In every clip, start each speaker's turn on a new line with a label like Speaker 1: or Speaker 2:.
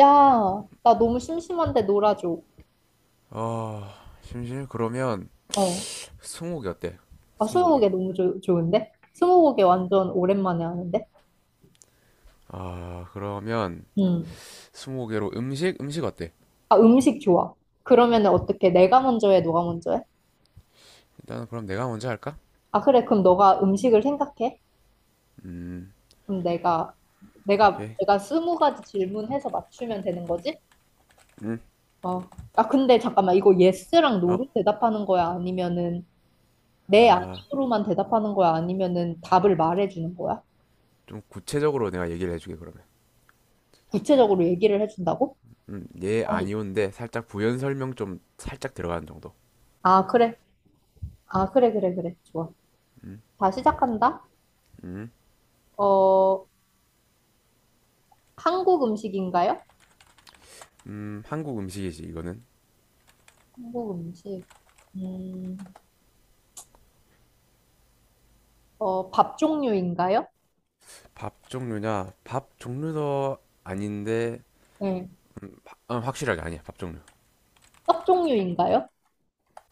Speaker 1: 야, 나 너무 심심한데 놀아줘.
Speaker 2: 아, 심심? 그러면
Speaker 1: 어.
Speaker 2: 스무고개 어때?
Speaker 1: 아,
Speaker 2: 스무고개.
Speaker 1: 스무고개 너무 좋 좋은데? 스무고개 완전 오랜만에 하는데?
Speaker 2: 아, 그러면
Speaker 1: 음.
Speaker 2: 스무고개로 음식? 음식 어때?
Speaker 1: 아, 음식 좋아. 그러면은 어떻게? 내가 먼저 해, 너가 먼저 해?
Speaker 2: 일단은 그럼 내가 먼저 할까?
Speaker 1: 아, 그래. 그럼 너가 음식을 생각해?
Speaker 2: 음,
Speaker 1: 그럼 내가, 내가,
Speaker 2: 오케이.
Speaker 1: 내가 스무 가지 질문해서 맞추면 되는 거지?
Speaker 2: 음,
Speaker 1: 어. 아, 근데 잠깐만. 이거 예스랑
Speaker 2: 어,
Speaker 1: 노로 대답하는 거야? 아니면은 네,
Speaker 2: 아,
Speaker 1: 아니로만 대답하는 거야? 아니면은 답을 말해주는 거야?
Speaker 2: 좀 구체적으로 내가 얘기를 해주게 그러면.
Speaker 1: 구체적으로 얘기를 해준다고?
Speaker 2: 예,
Speaker 1: 아니,
Speaker 2: 아니오인데 살짝 부연 설명 좀 살짝 들어가는 정도.
Speaker 1: 아, 그래. 아, 그래, 그래, 그래. 좋아.
Speaker 2: 음,
Speaker 1: 다 시작한다.
Speaker 2: 음,
Speaker 1: 어, 한국 음식인가요?
Speaker 2: 한국 음식이지 이거는.
Speaker 1: 한국 음식. 음, 어, 밥 종류인가요?
Speaker 2: 밥 종류냐? 밥 종류도 아닌데,
Speaker 1: 네.
Speaker 2: 확실하게 아니야. 밥 종류.
Speaker 1: 떡 종류인가요?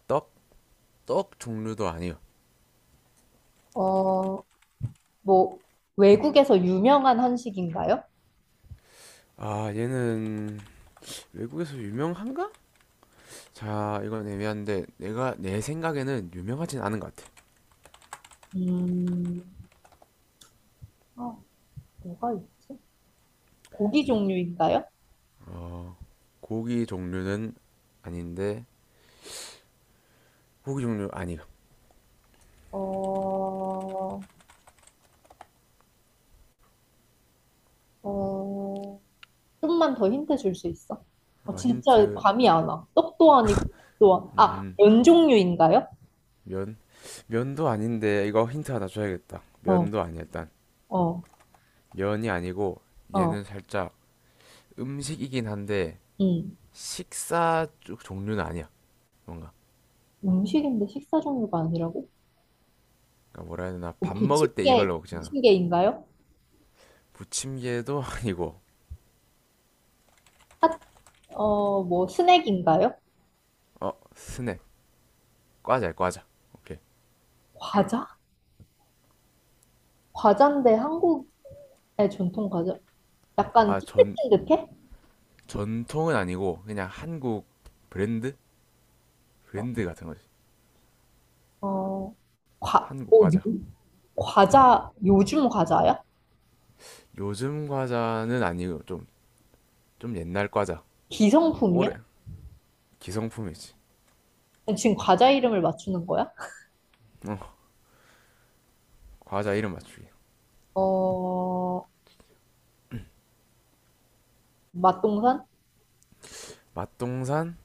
Speaker 2: 떡? 떡 종류도 아니요.
Speaker 1: 어, 뭐, 외국에서 유명한 한식인가요?
Speaker 2: 아, 얘는 외국에서 유명한가? 자, 이건 애매한데 내가 내 생각에는 유명하진 않은 것 같아.
Speaker 1: 음, 어, 뭐가 있지? 고기 종류인가요?
Speaker 2: 어, 고기 종류는 아닌데 고기 종류 아니야.
Speaker 1: 어, 어, 좀만 더 힌트 줄 수 있어? 어, 진짜
Speaker 2: 힌트,
Speaker 1: 감이 안 와. 떡도 아니고, 떡도 안, 아,
Speaker 2: 음,
Speaker 1: 면 종류인가요?
Speaker 2: 면, 면도 아닌데 이거 힌트 하나 줘야겠다.
Speaker 1: 어,
Speaker 2: 면도 아니야, 일단.
Speaker 1: 어.
Speaker 2: 면이 아니고
Speaker 1: 어.
Speaker 2: 얘는 살짝 음식이긴 한데
Speaker 1: 음.
Speaker 2: 식사 쪽 종류는 아니야. 뭔가
Speaker 1: 음식인데 식사 종류가 아니라고?
Speaker 2: 그러니까 뭐라 해야 되나,
Speaker 1: 뭐
Speaker 2: 밥 먹을 때 이걸로 먹잖아.
Speaker 1: 부침개인가요?
Speaker 2: 부침개도 아니고.
Speaker 1: 어, 뭐 스낵인가요?
Speaker 2: 어 스낵 과자야 과자. 오케이.
Speaker 1: 과자? 과자인데 한국의 전통 과자? 약간
Speaker 2: 아, 전,
Speaker 1: 찐득찐득해?
Speaker 2: 전통은 아니고 그냥 한국 브랜드?
Speaker 1: 어,
Speaker 2: 브랜드 같은 거지.
Speaker 1: 어, 과,
Speaker 2: 한국
Speaker 1: 뭐, 요,
Speaker 2: 과자.
Speaker 1: 과자, 요즘 과자야?
Speaker 2: 요즘 과자는 아니고 좀 옛날 과자. 올해
Speaker 1: 기성품이야?
Speaker 2: 기성품이지.
Speaker 1: 지금 과자 이름을 맞추는 거야?
Speaker 2: 어, 과자 이름 맞추기.
Speaker 1: 어, 맛동산?
Speaker 2: 맛동산?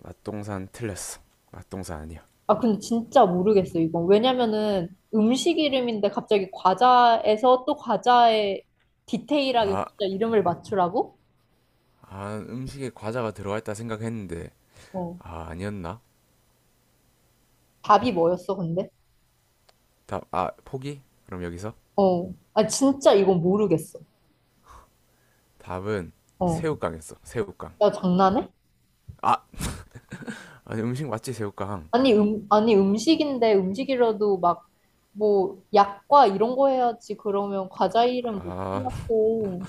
Speaker 2: 맛동산 틀렸어. 맛동산 아니야.
Speaker 1: 아, 근데 진짜 모르겠어, 이건. 왜냐면은 음식 이름인데 갑자기 과자에서 또 과자에 디테일하게
Speaker 2: 아,
Speaker 1: 진짜 이름을 맞추라고?
Speaker 2: 음식에 과자가 들어가 있다 생각했는데.
Speaker 1: 어.
Speaker 2: 아, 아니었나?
Speaker 1: 답이 뭐였어, 근데?
Speaker 2: 답, 아, 포기? 그럼 여기서
Speaker 1: 어. 아, 진짜 이건 모르겠어.
Speaker 2: 답은
Speaker 1: 어.
Speaker 2: 새우깡이었어. 새우깡.
Speaker 1: 야, 장난해?
Speaker 2: 아, 아니 음식 맞지 새우깡.
Speaker 1: 아니, 아니, 음식인데 음식이라도 막, 뭐, 약과 이런 거 해야지. 그러면 과자 이름 못
Speaker 2: 아.
Speaker 1: 틀렸고.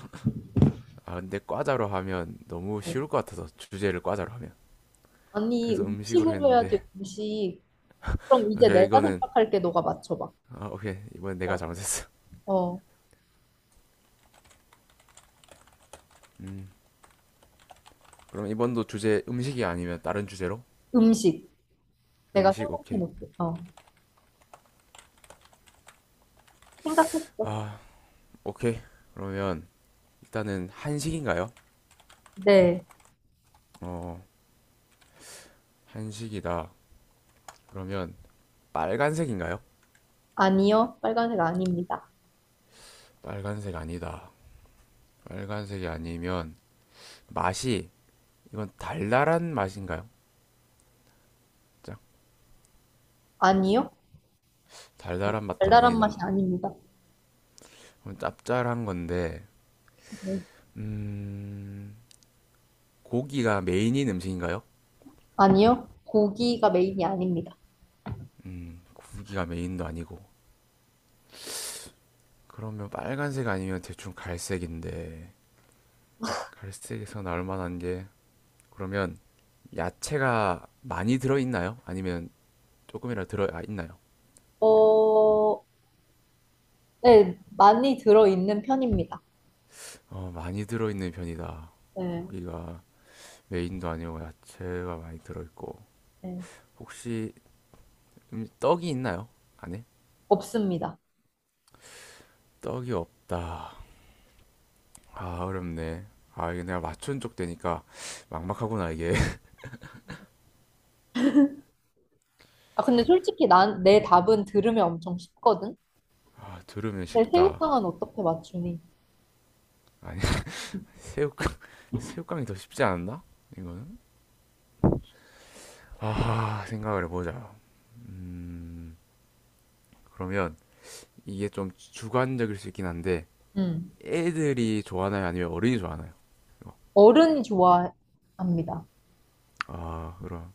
Speaker 2: 아, 근데 과자로 하면 너무
Speaker 1: 어.
Speaker 2: 쉬울 것 같아서 주제를 과자로 하면.
Speaker 1: 아니,
Speaker 2: 그래서 음식으로
Speaker 1: 음식으로 해야지,
Speaker 2: 했는데.
Speaker 1: 음식. 그럼 이제
Speaker 2: 오케이
Speaker 1: 내가
Speaker 2: 이거는
Speaker 1: 생각할게, 너가 맞춰봐.
Speaker 2: 오케이 이번 내가
Speaker 1: 어.
Speaker 2: 잘못했어.
Speaker 1: 어.
Speaker 2: 음 그럼 이번도 주제 음식이 아니면 다른 주제로.
Speaker 1: 음식. 내가
Speaker 2: 음식 오케이,
Speaker 1: 생각해놓을게. 어, 생각했어.
Speaker 2: 아 오케이 그러면 일단은 한식인가요?
Speaker 1: 네.
Speaker 2: 어 한식이다. 그러면 빨간색인가요?
Speaker 1: 아니요. 빨간색 아닙니다.
Speaker 2: 빨간색 아니다. 빨간색이 아니면 맛이 이건 달달한 맛인가요? 짝
Speaker 1: 아니요.
Speaker 2: 달달한 맛도
Speaker 1: 달달한 맛이
Speaker 2: 아니다.
Speaker 1: 아닙니다.
Speaker 2: 그럼 짭짤한 건데,
Speaker 1: 네.
Speaker 2: 음, 고기가 메인인 음식인가요?
Speaker 1: 아니요. 고기가 메인이 아닙니다.
Speaker 2: 고기가 메인도 아니고. 그러면 빨간색 아니면 대충 갈색인데, 갈색에서 나올 만한 게, 그러면 야채가 많이 들어있나요? 아니면 조금이라도 있나요?
Speaker 1: 어, 네. 많이 들어있는 편입니다.
Speaker 2: 많이 들어있는 편이다.
Speaker 1: 네.
Speaker 2: 고기가 메인도 아니고 야채가 많이 들어있고.
Speaker 1: 네.
Speaker 2: 혹시 떡이 있나요? 안에?
Speaker 1: 없습니다.
Speaker 2: 떡이 없다. 아, 어렵네. 아, 이게 내가 맞춘 쪽 되니까 막막하구나, 이게.
Speaker 1: 아, 근데 솔직히 내 답은 들으면 엄청 쉽거든?
Speaker 2: 아, 들으면
Speaker 1: 근데
Speaker 2: 쉽다.
Speaker 1: 새우깡은 어떻게 맞추니?
Speaker 2: 아니, 새우깡, 새우깡이 더 쉽지 않나? 이거는? 아, 생각을 해보자. 음, 그러면 이게 좀 주관적일 수 있긴 한데,
Speaker 1: 음.
Speaker 2: 애들이 좋아하나요? 아니면 어른이 좋아하나요? 이거.
Speaker 1: 어른이 좋아합니다.
Speaker 2: 아, 그럼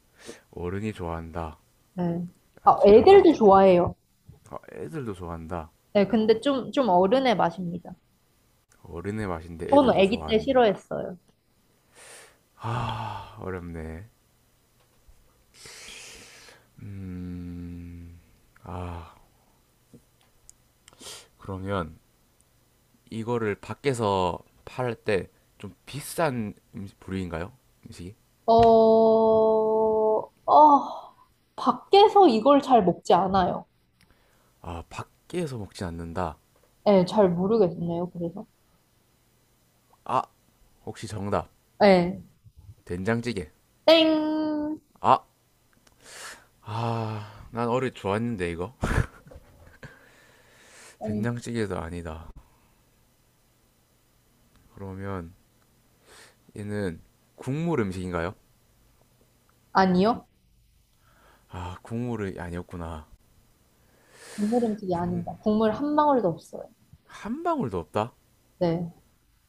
Speaker 2: 어른이 좋아한다.
Speaker 1: 네.
Speaker 2: 아,
Speaker 1: 아,
Speaker 2: 제가 많이
Speaker 1: 애들도
Speaker 2: 들,
Speaker 1: 좋아해요.
Speaker 2: 아, 애들도 좋아한다.
Speaker 1: 네. 근데 좀 어른의 맛입니다.
Speaker 2: 어른의 맛인데
Speaker 1: 저는
Speaker 2: 애들도
Speaker 1: 아기 때
Speaker 2: 좋아한다.
Speaker 1: 싫어했어요.
Speaker 2: 아, 어렵네. 음, 아, 그러면 이거를 밖에서 팔 때 좀 비싼 음식 부류인가요? 음식이?
Speaker 1: 어, 어, 밖에서 이걸 잘 먹지 않아요.
Speaker 2: 아, 밖에서 먹진 않는다.
Speaker 1: 네, 잘 모르겠네요, 그래서.
Speaker 2: 아, 혹시 정답.
Speaker 1: 네.
Speaker 2: 된장찌개.
Speaker 1: 땡,
Speaker 2: 아, 난 어릴 때 좋았는데, 이거.
Speaker 1: 땡,
Speaker 2: 된장찌개도 아니다. 그러면 얘는 국물 음식인가요?
Speaker 1: 아니요.
Speaker 2: 아, 국물이 아니었구나.
Speaker 1: 국물 음식이 아닙니다. 국물 한 방울도 없어요.
Speaker 2: 한 방울도 없다?
Speaker 1: 네.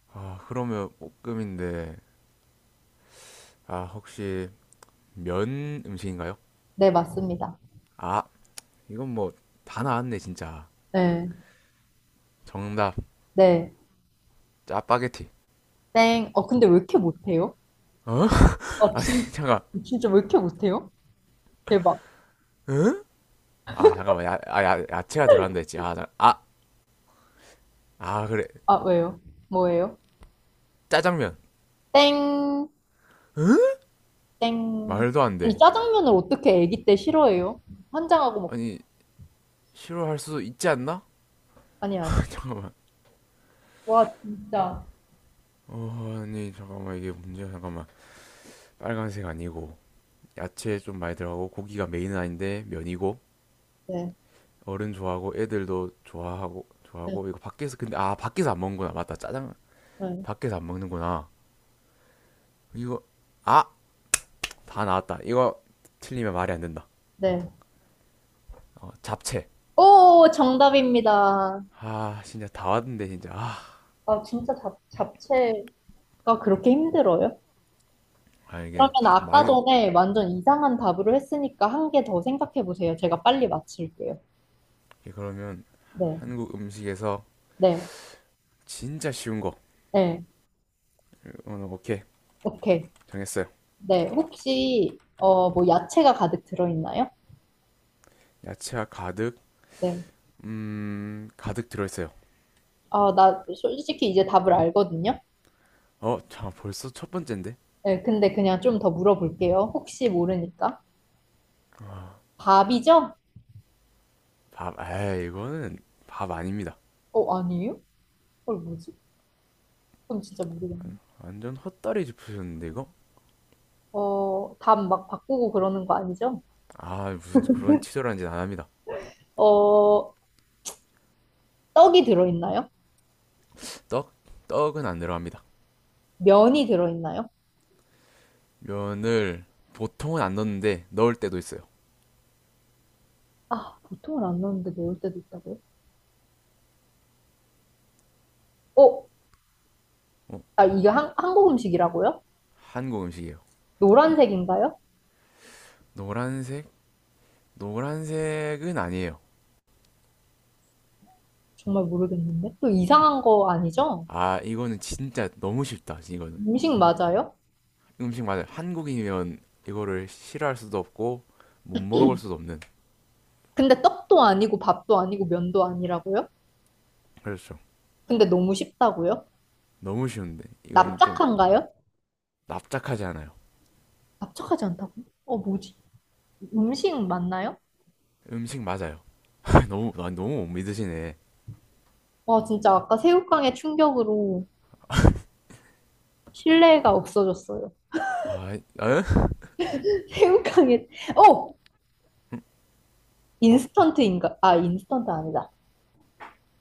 Speaker 2: 아, 그러면 볶음인데. 아, 혹시 면 음식인가요?
Speaker 1: 네, 맞습니다.
Speaker 2: 아, 이건 뭐 다 나왔네 진짜.
Speaker 1: 네.
Speaker 2: 정답
Speaker 1: 네.
Speaker 2: 짜파게티.
Speaker 1: 땡. 어, 근데 왜 이렇게 못해요?
Speaker 2: 어,
Speaker 1: 아
Speaker 2: 아니,
Speaker 1: 진,
Speaker 2: 잠깐.
Speaker 1: 진짜 왜 이렇게 못해요? 대박.
Speaker 2: 잠깐만. 야채가 들어간다 했지. 그래.
Speaker 1: 아, 왜요? 뭐예요?
Speaker 2: 짜장면.
Speaker 1: 땡, 땡.
Speaker 2: 말도 안
Speaker 1: 아니,
Speaker 2: 돼.
Speaker 1: 짜장면을 어떻게 아기 때 싫어해요? 환장하고 먹,
Speaker 2: 아니, 싫어할 수도 있지 않나.
Speaker 1: 아니, 아니.
Speaker 2: 잠깐만.
Speaker 1: 와, 진짜.
Speaker 2: 아니, 잠깐만. 이게 문제야. 잠깐만. 빨간색 아니고 야채 좀 많이 들어가고 고기가 메인은 아닌데 면이고.
Speaker 1: 네.
Speaker 2: 어른 좋아하고, 애들도 좋아하고
Speaker 1: 네.
Speaker 2: 좋아하고 이거 밖에서. 근데 밖에서 안 먹는구나. 맞다, 짜장.
Speaker 1: 네.
Speaker 2: 밖에서 안 먹는구나, 이거. 아 다 나왔다, 이거. 틀리면 말이 안 된다.
Speaker 1: 네.
Speaker 2: 잡채.
Speaker 1: 오, 정답입니다.
Speaker 2: 아, 진짜 다 왔는데 진짜. 아,
Speaker 1: 아, 진짜 잡채가 그렇게 힘들어요?
Speaker 2: 아, 이게
Speaker 1: 그러면
Speaker 2: 가- 막
Speaker 1: 아까
Speaker 2: 이게.
Speaker 1: 전에 완전 이상한 답으로 했으니까 한 개 더 생각해 보세요. 제가 빨리 맞힐게요.
Speaker 2: 그러면
Speaker 1: 네.
Speaker 2: 한국 음식에서
Speaker 1: 네.
Speaker 2: 진짜 쉬운 거.
Speaker 1: 네.
Speaker 2: 오늘 오케이.
Speaker 1: 오케이.
Speaker 2: 정했어요.
Speaker 1: 네. 혹시, 어, 뭐, 야채가 가득 들어있나요?
Speaker 2: 야채가 가득
Speaker 1: 네.
Speaker 2: 음 가득 들어있어요.
Speaker 1: 아, 나 솔직히 이제 답을 알거든요.
Speaker 2: 어자 벌써 첫 번째인데.
Speaker 1: 네. 근데 그냥 좀 더 물어볼게요. 혹시 모르니까. 밥이죠?
Speaker 2: 밥 아 이거는 밥 아닙니다.
Speaker 1: 어, 아니에요? 헐, 뭐지? 그럼 진짜 모르겠네.
Speaker 2: 완전 헛다리 짚으셨는데, 이거.
Speaker 1: 어, 답 막 바꾸고 그러는 거 아니죠?
Speaker 2: 아, 무슨 그런 치졸한 짓 안 합니다.
Speaker 1: 어, 떡이 들어있나요?
Speaker 2: 떡 떡은 안 들어갑니다.
Speaker 1: 면이 들어있나요?
Speaker 2: 면을 보통은 안 넣는데 넣을 때도 있어요.
Speaker 1: 아, 보통은 안 넣는데 넣을 때도 있다고요? 어,
Speaker 2: 어
Speaker 1: 아, 이게 한국 음식이라고요?
Speaker 2: 한국 음식이에요.
Speaker 1: 노란색인가요?
Speaker 2: 노란색 노란색은 아니에요.
Speaker 1: 정말 모르겠는데. 또 이상한 거 아니죠?
Speaker 2: 아, 이거는 진짜 너무 쉽다. 이거는.
Speaker 1: 음식 맞아요?
Speaker 2: 음식 맞아요. 한국인이면 이거를 싫어할 수도 없고 못 먹어볼 수도 없는.
Speaker 1: 근데 떡도 아니고 밥도 아니고 면도 아니라고요?
Speaker 2: 그렇죠.
Speaker 1: 근데 너무 쉽다고요?
Speaker 2: 너무 쉬운데 이건 좀.
Speaker 1: 납작한가요?
Speaker 2: 납작하지 않아요.
Speaker 1: 납작하지 않다고요? 어, 뭐지? 음식 맞나요?
Speaker 2: 음식 맞아요. 너무 못 믿으시네.
Speaker 1: 와, 진짜 아까 새우깡의 충격으로 신뢰가 없어졌어요.
Speaker 2: 아, 에?
Speaker 1: 새우깡에 어
Speaker 2: 어?
Speaker 1: 인스턴트인가? 아 인스턴트 아니다.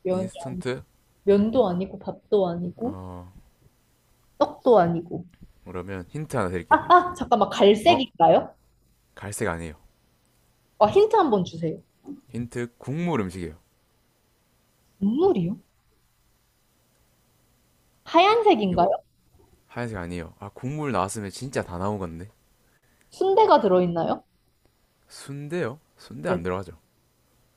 Speaker 1: 면
Speaker 2: 인스턴트?
Speaker 1: 면도 아니고 밥도 아니고
Speaker 2: 어,
Speaker 1: 떡도 아니고.
Speaker 2: 그러면 힌트 하나
Speaker 1: 아,
Speaker 2: 드릴게요.
Speaker 1: 아 잠깐만
Speaker 2: 어?
Speaker 1: 갈색인가요?
Speaker 2: 갈색 아니에요.
Speaker 1: 아 힌트 한번 주세요.
Speaker 2: 힌트. 국물 음식이에요.
Speaker 1: 국물이요?
Speaker 2: 이거
Speaker 1: 하얀색인가요?
Speaker 2: 하얀색 아니에요. 아, 국물 나왔으면 진짜 다 나온 건데.
Speaker 1: 순대가 들어있나요?
Speaker 2: 순대요? 순대
Speaker 1: 네.
Speaker 2: 안 들어가죠.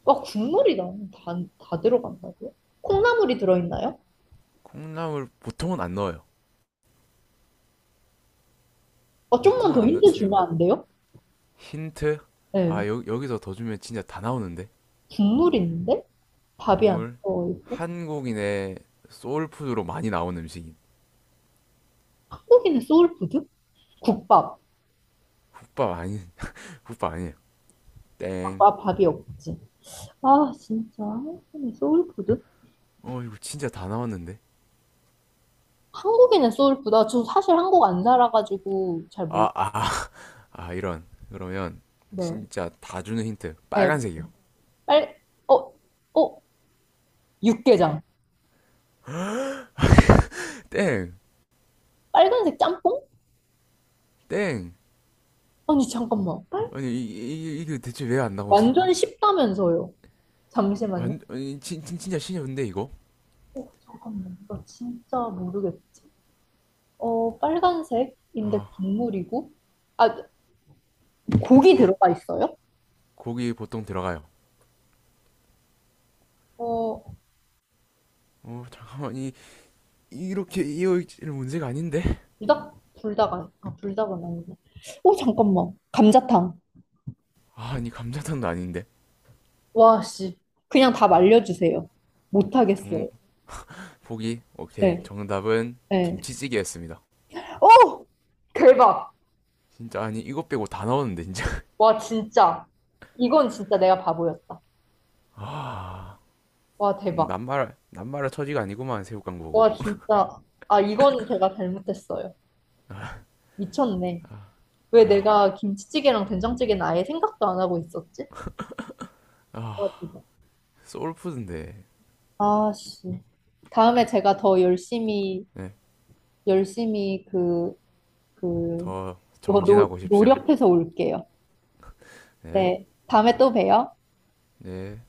Speaker 1: 와 다 들어간다고요? 콩나물이 들어있나요?
Speaker 2: 콩나물 보통은 안 넣어요.
Speaker 1: 아 좀만
Speaker 2: 보통은
Speaker 1: 더
Speaker 2: 안
Speaker 1: 힌트
Speaker 2: 넣지 이
Speaker 1: 주면
Speaker 2: 는
Speaker 1: 안 돼요?
Speaker 2: 힌트?
Speaker 1: 네.
Speaker 2: 아, 여기서 더 주면 진짜 다 나오는데?
Speaker 1: 국물 있는데 밥이 안
Speaker 2: 국물?
Speaker 1: 들어있고
Speaker 2: 한국인의 소울푸드로 많이 나오는 음식인.
Speaker 1: 한국인의 소울푸드? 국밥.
Speaker 2: 국밥 아니, 국밥 아니에요. 땡.
Speaker 1: 아 밥이 없지. 아 진짜 한국인의 소울푸드?
Speaker 2: 이거 진짜 다 나왔는데?
Speaker 1: 한국인의 소울푸드. 아, 저 사실 한국 안 살아가지고 잘 몰.
Speaker 2: 아, 아, 아, 이런. 그러면
Speaker 1: 네.
Speaker 2: 진짜 다 주는 힌트.
Speaker 1: 네.
Speaker 2: 빨간색이요.
Speaker 1: 빨. 어. 어. 육개장.
Speaker 2: 땡!
Speaker 1: 빨간색 짬뽕?
Speaker 2: 땡!
Speaker 1: 아니 잠깐만. 빨...
Speaker 2: 아니, 이, 이, 이- 게 대체 왜 안 나오지?
Speaker 1: 완전 쉽다면서요. 잠시만요.
Speaker 2: 아니, 진짜 신이었는데, 이거?
Speaker 1: 어, 잠깐만. 나 진짜 모르겠어. 어, 빨간색인데
Speaker 2: 아,
Speaker 1: 국물이고. 아, 고기
Speaker 2: 어?
Speaker 1: 들어가 있어요?
Speaker 2: 고기 보통 들어가요.
Speaker 1: 어,
Speaker 2: 잠깐만, 이렇게 이어있질 문제가 아닌데?
Speaker 1: 불닭 불닭은 아니고. 어, 잠깐만. 감자탕.
Speaker 2: 아, 아니, 감자탕도 아닌데?
Speaker 1: 와, 씨. 그냥 답 알려주세요. 못하겠어요.
Speaker 2: 정 보기 오케이.
Speaker 1: 네.
Speaker 2: 정답은
Speaker 1: 네.
Speaker 2: 김치찌개였습니다.
Speaker 1: 오! 대박.
Speaker 2: 진짜 아니 이것 빼고 다나었는데 진짜.
Speaker 1: 와, 진짜. 이건 진짜 내가 바보였다.
Speaker 2: 아,
Speaker 1: 와, 대박.
Speaker 2: 남말할 처지가 아니구만. 새우 깡 보
Speaker 1: 와,
Speaker 2: 고
Speaker 1: 진짜. 아, 이건 제가 잘못했어요. 미쳤네. 왜 내가 김치찌개랑 된장찌개는 아예 생각도 안 하고 있었지? 와,
Speaker 2: 아,
Speaker 1: 대박.
Speaker 2: 소울푸드인데.
Speaker 1: 아, 씨. 다음에 제가 열심히 그,
Speaker 2: 네더
Speaker 1: 더
Speaker 2: 정진하고 오십시오.
Speaker 1: 노력해서 올게요. 네. 다음에 또 봬요.
Speaker 2: 네네.